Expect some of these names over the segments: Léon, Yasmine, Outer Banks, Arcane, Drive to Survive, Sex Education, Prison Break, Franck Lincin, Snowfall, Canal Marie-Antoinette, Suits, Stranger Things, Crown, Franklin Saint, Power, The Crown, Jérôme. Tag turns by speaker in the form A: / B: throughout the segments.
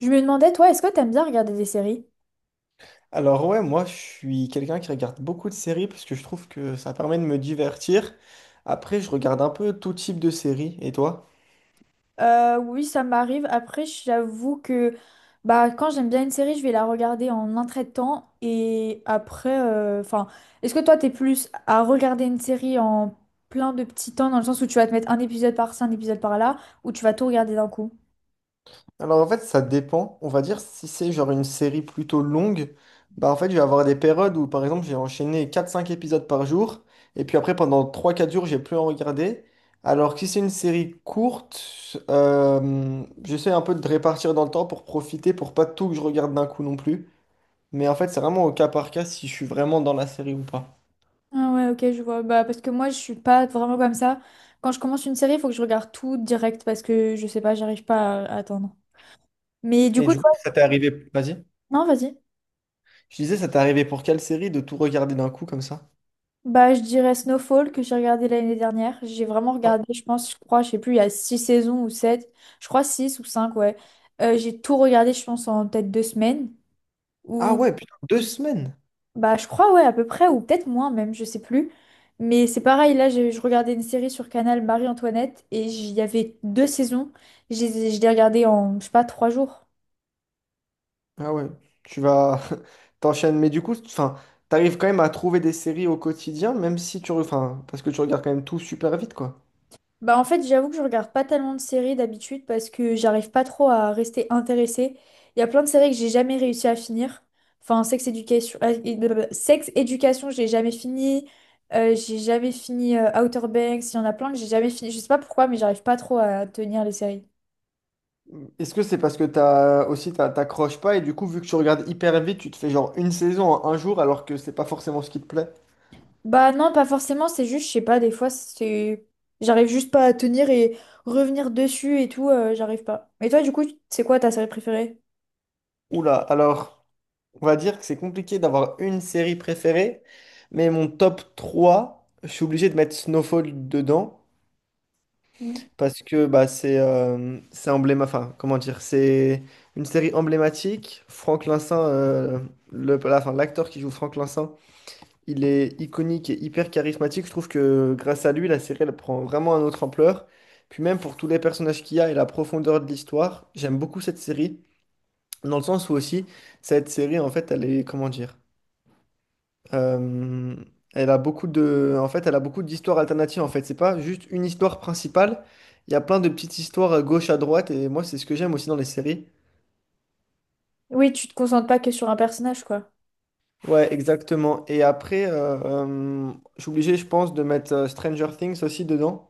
A: Je me demandais, toi, est-ce que t'aimes bien regarder des séries?
B: Alors ouais, moi je suis quelqu'un qui regarde beaucoup de séries parce que je trouve que ça permet de me divertir. Après, je regarde un peu tout type de séries. Et toi?
A: Oui, ça m'arrive. Après, j'avoue que quand j'aime bien une série, je vais la regarder en un trait de temps. Et après, est-ce que toi, t'es plus à regarder une série en plein de petits temps, dans le sens où tu vas te mettre un épisode par-ci, un épisode par-là, ou tu vas tout regarder d'un coup?
B: Alors en fait, ça dépend. On va dire si c'est genre une série plutôt longue, bah en fait, je vais avoir des périodes où par exemple, j'ai enchaîné quatre cinq épisodes par jour et puis après pendant trois quatre jours, j'ai plus en regarder. Alors que si c'est une série courte, j'essaie un peu de répartir dans le temps pour profiter pour pas tout que je regarde d'un coup non plus. Mais en fait, c'est vraiment au cas par cas si je suis vraiment dans la série ou pas.
A: Ah ouais, ok, je vois. Bah, parce que moi, je suis pas vraiment comme ça. Quand je commence une série, il faut que je regarde tout direct parce que je sais pas, j'arrive pas à attendre. Mais du
B: Et
A: coup,
B: du coup,
A: toi,
B: ça t'est arrivé. Vas-y.
A: non, vas-y.
B: Je disais, ça t'est arrivé pour quelle série de tout regarder d'un coup comme ça?
A: Bah, je dirais Snowfall que j'ai regardé l'année dernière. J'ai vraiment
B: Ah
A: regardé, je pense, je crois, je sais plus, il y a six saisons ou sept. Je crois six ou cinq, ouais. J'ai tout regardé, je pense, en peut-être deux semaines.
B: ah
A: Ou,
B: ouais, putain, deux semaines.
A: je crois, ouais, à peu près, ou peut-être moins même, je sais plus. Mais c'est pareil, là, je regardais une série sur Canal Marie-Antoinette et il y avait deux saisons. Je l'ai regardé en, je sais pas, trois jours.
B: Ah ouais, tu vas t'enchaînes. Mais du coup, enfin, t'arrives quand même à trouver des séries au quotidien, même si tu, re- enfin, parce que tu regardes quand même tout super vite, quoi.
A: Bah en fait, j'avoue que je regarde pas tellement de séries d'habitude parce que j'arrive pas trop à rester intéressée. Il y a plein de séries que j'ai jamais réussi à finir. Enfin, Sex Education, et- blablabla. Sex Education, j'ai jamais fini. J'ai jamais fini Outer Banks. Il y en a plein que j'ai jamais fini. Je sais pas pourquoi, mais j'arrive pas trop à tenir les séries.
B: Est-ce que c'est parce que t'as aussi t'as- t'accroches pas et du coup, vu que tu regardes hyper vite, tu te fais genre une saison en un jour alors que c'est pas forcément ce qui te plaît?
A: Bah non, pas forcément. C'est juste, je sais pas. Des fois, j'arrive juste pas à tenir et revenir dessus et tout. J'arrive pas. Et toi, du coup, c'est quoi ta série préférée?
B: Oula, alors. On va dire que c'est compliqué d'avoir une série préférée, mais mon top 3, je suis obligé de mettre Snowfall dedans
A: Mm.
B: parce que bah, c'est emblém- enfin, comment dire, c'est une série emblématique. Franck Lincin, le, la- enfin, l'acteur qui joue Franck Lincin, il est iconique et hyper charismatique. Je trouve que grâce à lui, la série elle prend vraiment un autre ampleur. Puis même pour tous les personnages qu'il y a et la profondeur de l'histoire, j'aime beaucoup cette série dans le sens où aussi cette série en fait, elle est comment dire. Euh, Elle a beaucoup de, en fait, elle a beaucoup d'histoires alternatives. En fait, c'est pas juste une histoire principale. Il y a plein de petites histoires à gauche à droite. Et moi, c'est ce que j'aime aussi dans les séries.
A: Oui, tu te concentres pas que sur un personnage, quoi.
B: Ouais, exactement. Et après, je suis obligé, je pense, de mettre Stranger Things aussi dedans.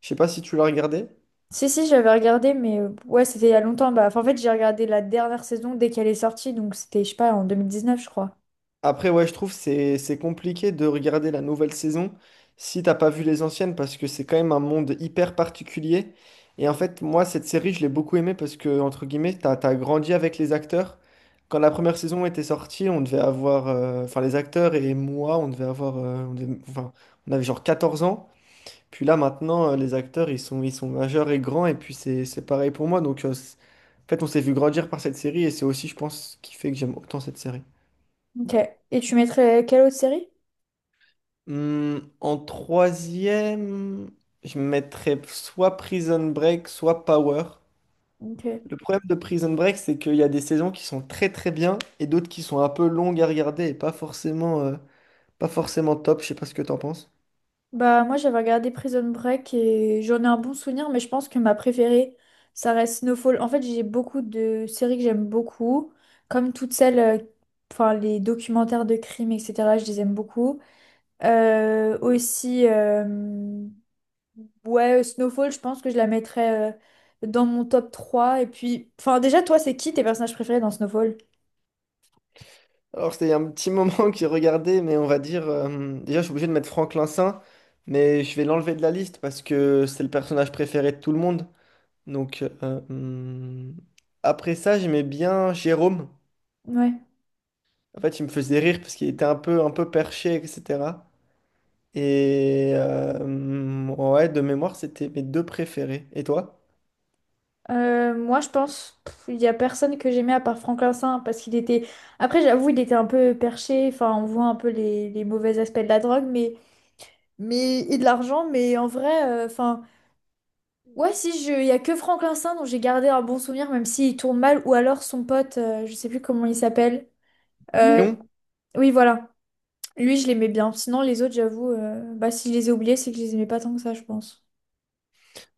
B: Je sais pas si tu l'as regardé.
A: Si, si, j'avais regardé, mais ouais, c'était il y a longtemps. Bah, enfin, en fait, j'ai regardé la dernière saison dès qu'elle est sortie, donc c'était, je sais pas, en 2019 je crois.
B: Après, ouais, je trouve c'est compliqué de regarder la nouvelle saison si t'as pas vu les anciennes parce que c'est quand même un monde hyper particulier. Et en fait, moi, cette série, je l'ai beaucoup aimée parce que, entre guillemets, t'as grandi avec les acteurs. Quand la première saison était sortie, on devait avoir, enfin, les acteurs et moi, on devait avoir, on devait- enfin, on avait genre 14 ans. Puis là, maintenant, les acteurs, ils sont majeurs et grands. Et puis, c'est pareil pour moi. Donc, c'est- en fait, on s'est vu grandir par cette série et c'est aussi, je pense, ce qui fait que j'aime autant cette série.
A: Ok. Et tu mettrais quelle autre série?
B: Hmm, en troisième, je mettrais soit Prison Break, soit Power.
A: Ok.
B: Le problème de Prison Break, c'est qu'il y a des saisons qui sont très très bien et d'autres qui sont un peu longues à regarder et pas forcément, pas forcément top. Je sais pas ce que t'en penses.
A: Bah, moi, j'avais regardé Prison Break et j'en ai un bon souvenir, mais je pense que ma préférée, ça reste Snowfall. En fait, j'ai beaucoup de séries que j'aime beaucoup, comme toutes celles, les documentaires de crimes, etc., je les aime beaucoup. Euh, aussi. euh, Ouais, Snowfall, je pense que je la mettrais dans mon top 3. Et puis, enfin, déjà, toi, c'est qui tes personnages préférés dans Snowfall?
B: Alors, c'était il y a un petit moment que j'ai regardé, mais on va dire. Déjà, je suis obligé de mettre Franklin Saint, mais je vais l'enlever de la liste parce que c'est le personnage préféré de tout le monde. Donc, euh, hmm. Après ça, j'aimais bien Jérôme.
A: Ouais.
B: En fait, il me faisait rire parce qu'il était un peu perché, etc. Et ouais, de mémoire, c'était mes deux préférés. Et toi?
A: Moi, je pense pff, il y a personne que j'aimais à part Franklin Saint parce qu'il était. Après, j'avoue, il était un peu perché. Enfin, on voit un peu les mauvais aspects de la drogue, mais et de l'argent. Mais en vrai, ouais, si je, il y a que Franklin Saint dont j'ai gardé un bon souvenir, même s'il tourne mal, ou alors son pote, je sais plus comment il s'appelle. Euh,
B: Léon?
A: oui, voilà. Lui, je l'aimais bien. Sinon, les autres, j'avoue, bah, si je les ai oubliés, c'est que je les aimais pas tant que ça, je pense.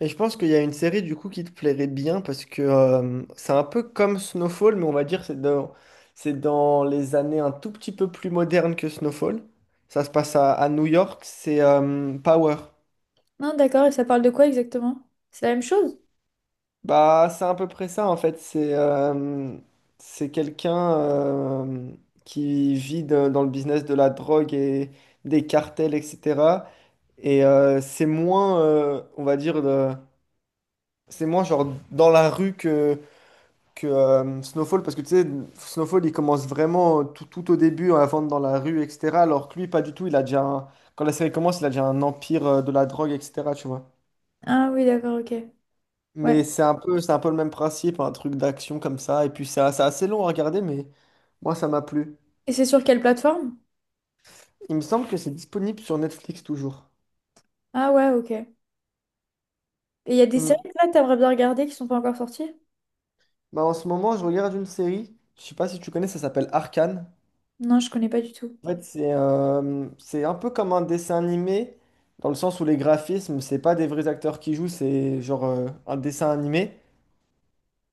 B: Et je pense qu'il y a une série du coup qui te plairait bien parce que c'est un peu comme Snowfall, mais on va dire c'est dans les années un tout petit peu plus modernes que Snowfall. Ça se passe à New York, c'est Power.
A: Non, d'accord, et ça parle de quoi exactement? C'est la même chose?
B: Bah, c'est à peu près ça en fait. C'est quelqu'un qui vit de- dans le business de la drogue et des cartels, etc. Et c'est moins, on va dire, de- c'est moins genre dans la rue que Snowfall, parce que tu sais, Snowfall, il commence vraiment tout, tout au début à vendre dans la rue, etc. Alors que lui, pas du tout. Il a déjà, un- quand la série commence, il a déjà un empire de la drogue, etc. Tu vois.
A: Ah oui, d'accord, ok.
B: Mais
A: Ouais.
B: c'est un peu le même principe, un truc d'action comme ça. Et puis ça, c'est assez long à regarder, mais moi ça m'a plu.
A: Et c'est sur quelle plateforme?
B: Il me semble que c'est disponible sur Netflix toujours.
A: Ah ouais, ok. Et il y a des séries
B: Hmm.
A: que là, t'aimerais bien regarder qui sont pas encore sorties?
B: Bah, en ce moment, je regarde une série. Je sais pas si tu connais, ça s'appelle Arcane.
A: Non, je connais pas du tout.
B: En fait, c'est un peu comme un dessin animé, dans le sens où les graphismes, c'est pas des vrais acteurs qui jouent, c'est genre un dessin animé.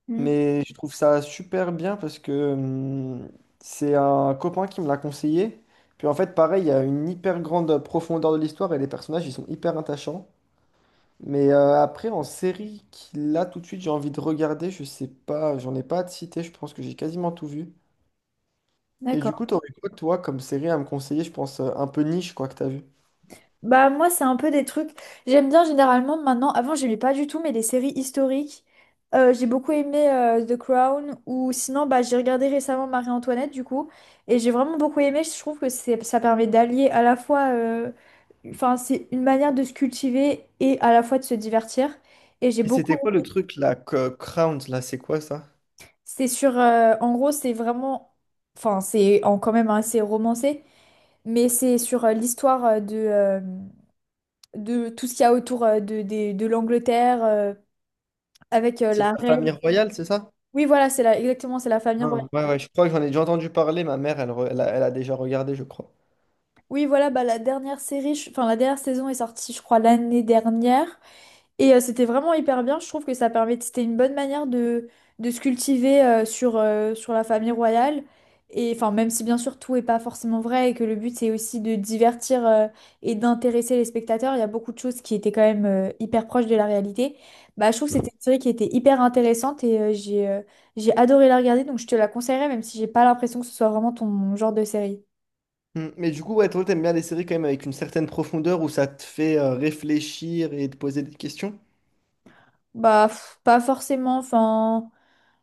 A: Hmm.
B: Mais je trouve ça super bien parce que c'est un copain qui me l'a conseillé. Puis en fait, pareil, il y a une hyper grande profondeur de l'histoire et les personnages, ils sont hyper attachants. Mais après, en série, qui là tout de suite, j'ai envie de regarder, je sais pas, j'en ai pas à te citer, je pense que j'ai quasiment tout vu. Et du
A: D'accord.
B: coup, t'aurais quoi, toi, comme série à me conseiller, je pense, un peu niche, quoi, que t'as vu?
A: Bah moi c'est un peu des trucs. J'aime bien généralement maintenant. Avant j'aimais pas du tout mais les séries historiques. J'ai beaucoup aimé The Crown ou sinon bah j'ai regardé récemment Marie-Antoinette du coup et j'ai vraiment beaucoup aimé. Je trouve que c'est ça permet d'allier à la fois enfin c'est une manière de se cultiver et à la fois de se divertir et j'ai
B: Et
A: beaucoup
B: c'était quoi le truc, là, que- Crown, là, c'est quoi ça?
A: c'est sur en gros c'est vraiment enfin c'est en quand même assez romancé mais c'est sur l'histoire de tout ce qu'il y a autour de l'Angleterre avec
B: C'est de
A: la
B: la
A: reine.
B: famille royale, c'est ça?
A: Oui, voilà, c'est la, exactement, c'est la famille
B: Non,
A: royale.
B: ouais, ouais, je crois que j'en ai déjà entendu parler. Ma mère, elle, re- elle a, elle a déjà regardé, je crois.
A: Oui, voilà, bah, la dernière série, je- enfin la dernière saison est sortie, je crois, l'année dernière. Et c'était vraiment hyper bien. Je trouve que ça permet, c'était une bonne manière de se cultiver sur la famille royale. Et enfin, même si bien sûr tout est pas forcément vrai et que le but c'est aussi de divertir et d'intéresser les spectateurs, il y a beaucoup de choses qui étaient quand même hyper proches de la réalité. Bah, je trouve que c'était une série qui était hyper intéressante et j'ai adoré la regarder. Donc je te la conseillerais, même si j'ai pas l'impression que ce soit vraiment ton genre de série.
B: Hmm, mais du coup, ouais, toi, t'aimes bien les séries quand même avec une certaine profondeur où ça te fait réfléchir et te poser des questions.
A: Bah, pff, pas forcément. Enfin.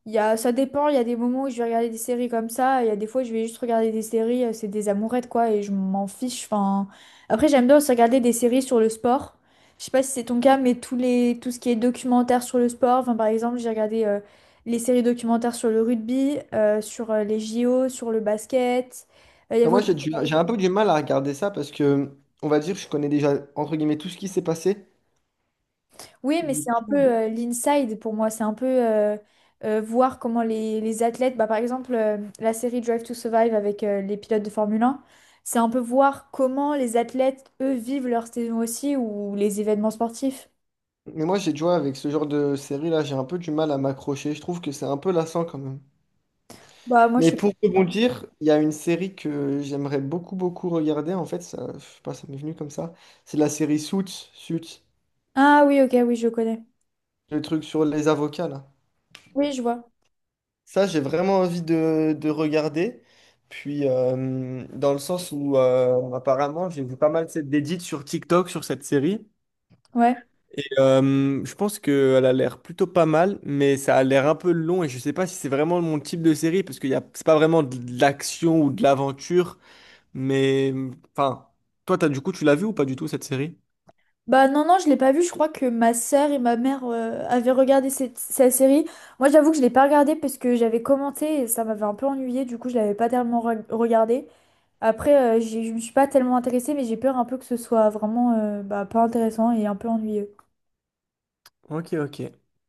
A: Il y a, ça dépend, il y a des moments où je vais regarder des séries comme ça, il y a des fois je vais juste regarder des séries, c'est des amourettes quoi, et je m'en fiche. Enfin. Après j'aime bien aussi regarder des séries sur le sport. Je sais pas si c'est ton cas, mais tous les tout ce qui est documentaire sur le sport, enfin, par exemple j'ai regardé les séries documentaires sur le rugby, sur les JO, sur le basket. Il y avait
B: Enfin, moi, j'ai du- j'ai un peu du mal à regarder ça parce que, on va dire, je connais déjà, entre guillemets, tout ce qui s'est passé.
A: Oui, mais
B: Du
A: c'est un peu
B: coup,
A: l'inside pour moi. C'est un peu voir comment les athlètes, bah, par exemple, la série Drive to Survive avec les pilotes de Formule 1. C'est un peu voir comment les athlètes, eux, vivent leur saison aussi ou les événements sportifs.
B: mais moi, j'ai, tu vois, avec ce genre de série-là, j'ai un peu du mal à m'accrocher. Je trouve que c'est un peu lassant quand même.
A: Bah, moi, je
B: Mais
A: sais
B: pour
A: pas.
B: rebondir, il y a une série que j'aimerais beaucoup, beaucoup regarder. En fait, ça, je sais pas, ça m'est venu comme ça. C'est la série Suits. Suits.
A: Ah oui, ok, oui, je connais.
B: Le truc sur les avocats, là.
A: Oui, je vois.
B: Ça, j'ai vraiment envie de regarder. Puis, dans le sens où, apparemment, j'ai vu pas mal cette d'édits sur TikTok, sur cette série.
A: Ouais.
B: Et je pense qu'elle a l'air plutôt pas mal, mais ça a l'air un peu long. Et je sais pas si c'est vraiment mon type de série, parce que y a, c'est pas vraiment de l'action ou de l'aventure. Mais, enfin, toi, t'as, du coup, tu l'as vu ou pas du tout, cette série?
A: Bah non, non, je l'ai pas vu. Je crois que ma sœur et ma mère avaient regardé cette série. Moi, j'avoue que je l'ai pas regardée parce que j'avais commenté et ça m'avait un peu ennuyée. Du coup, je l'avais pas tellement regardée. Après, je ne me suis pas tellement intéressée, mais j'ai peur un peu que ce soit vraiment bah, pas intéressant et un peu ennuyeux.
B: Ok, ok.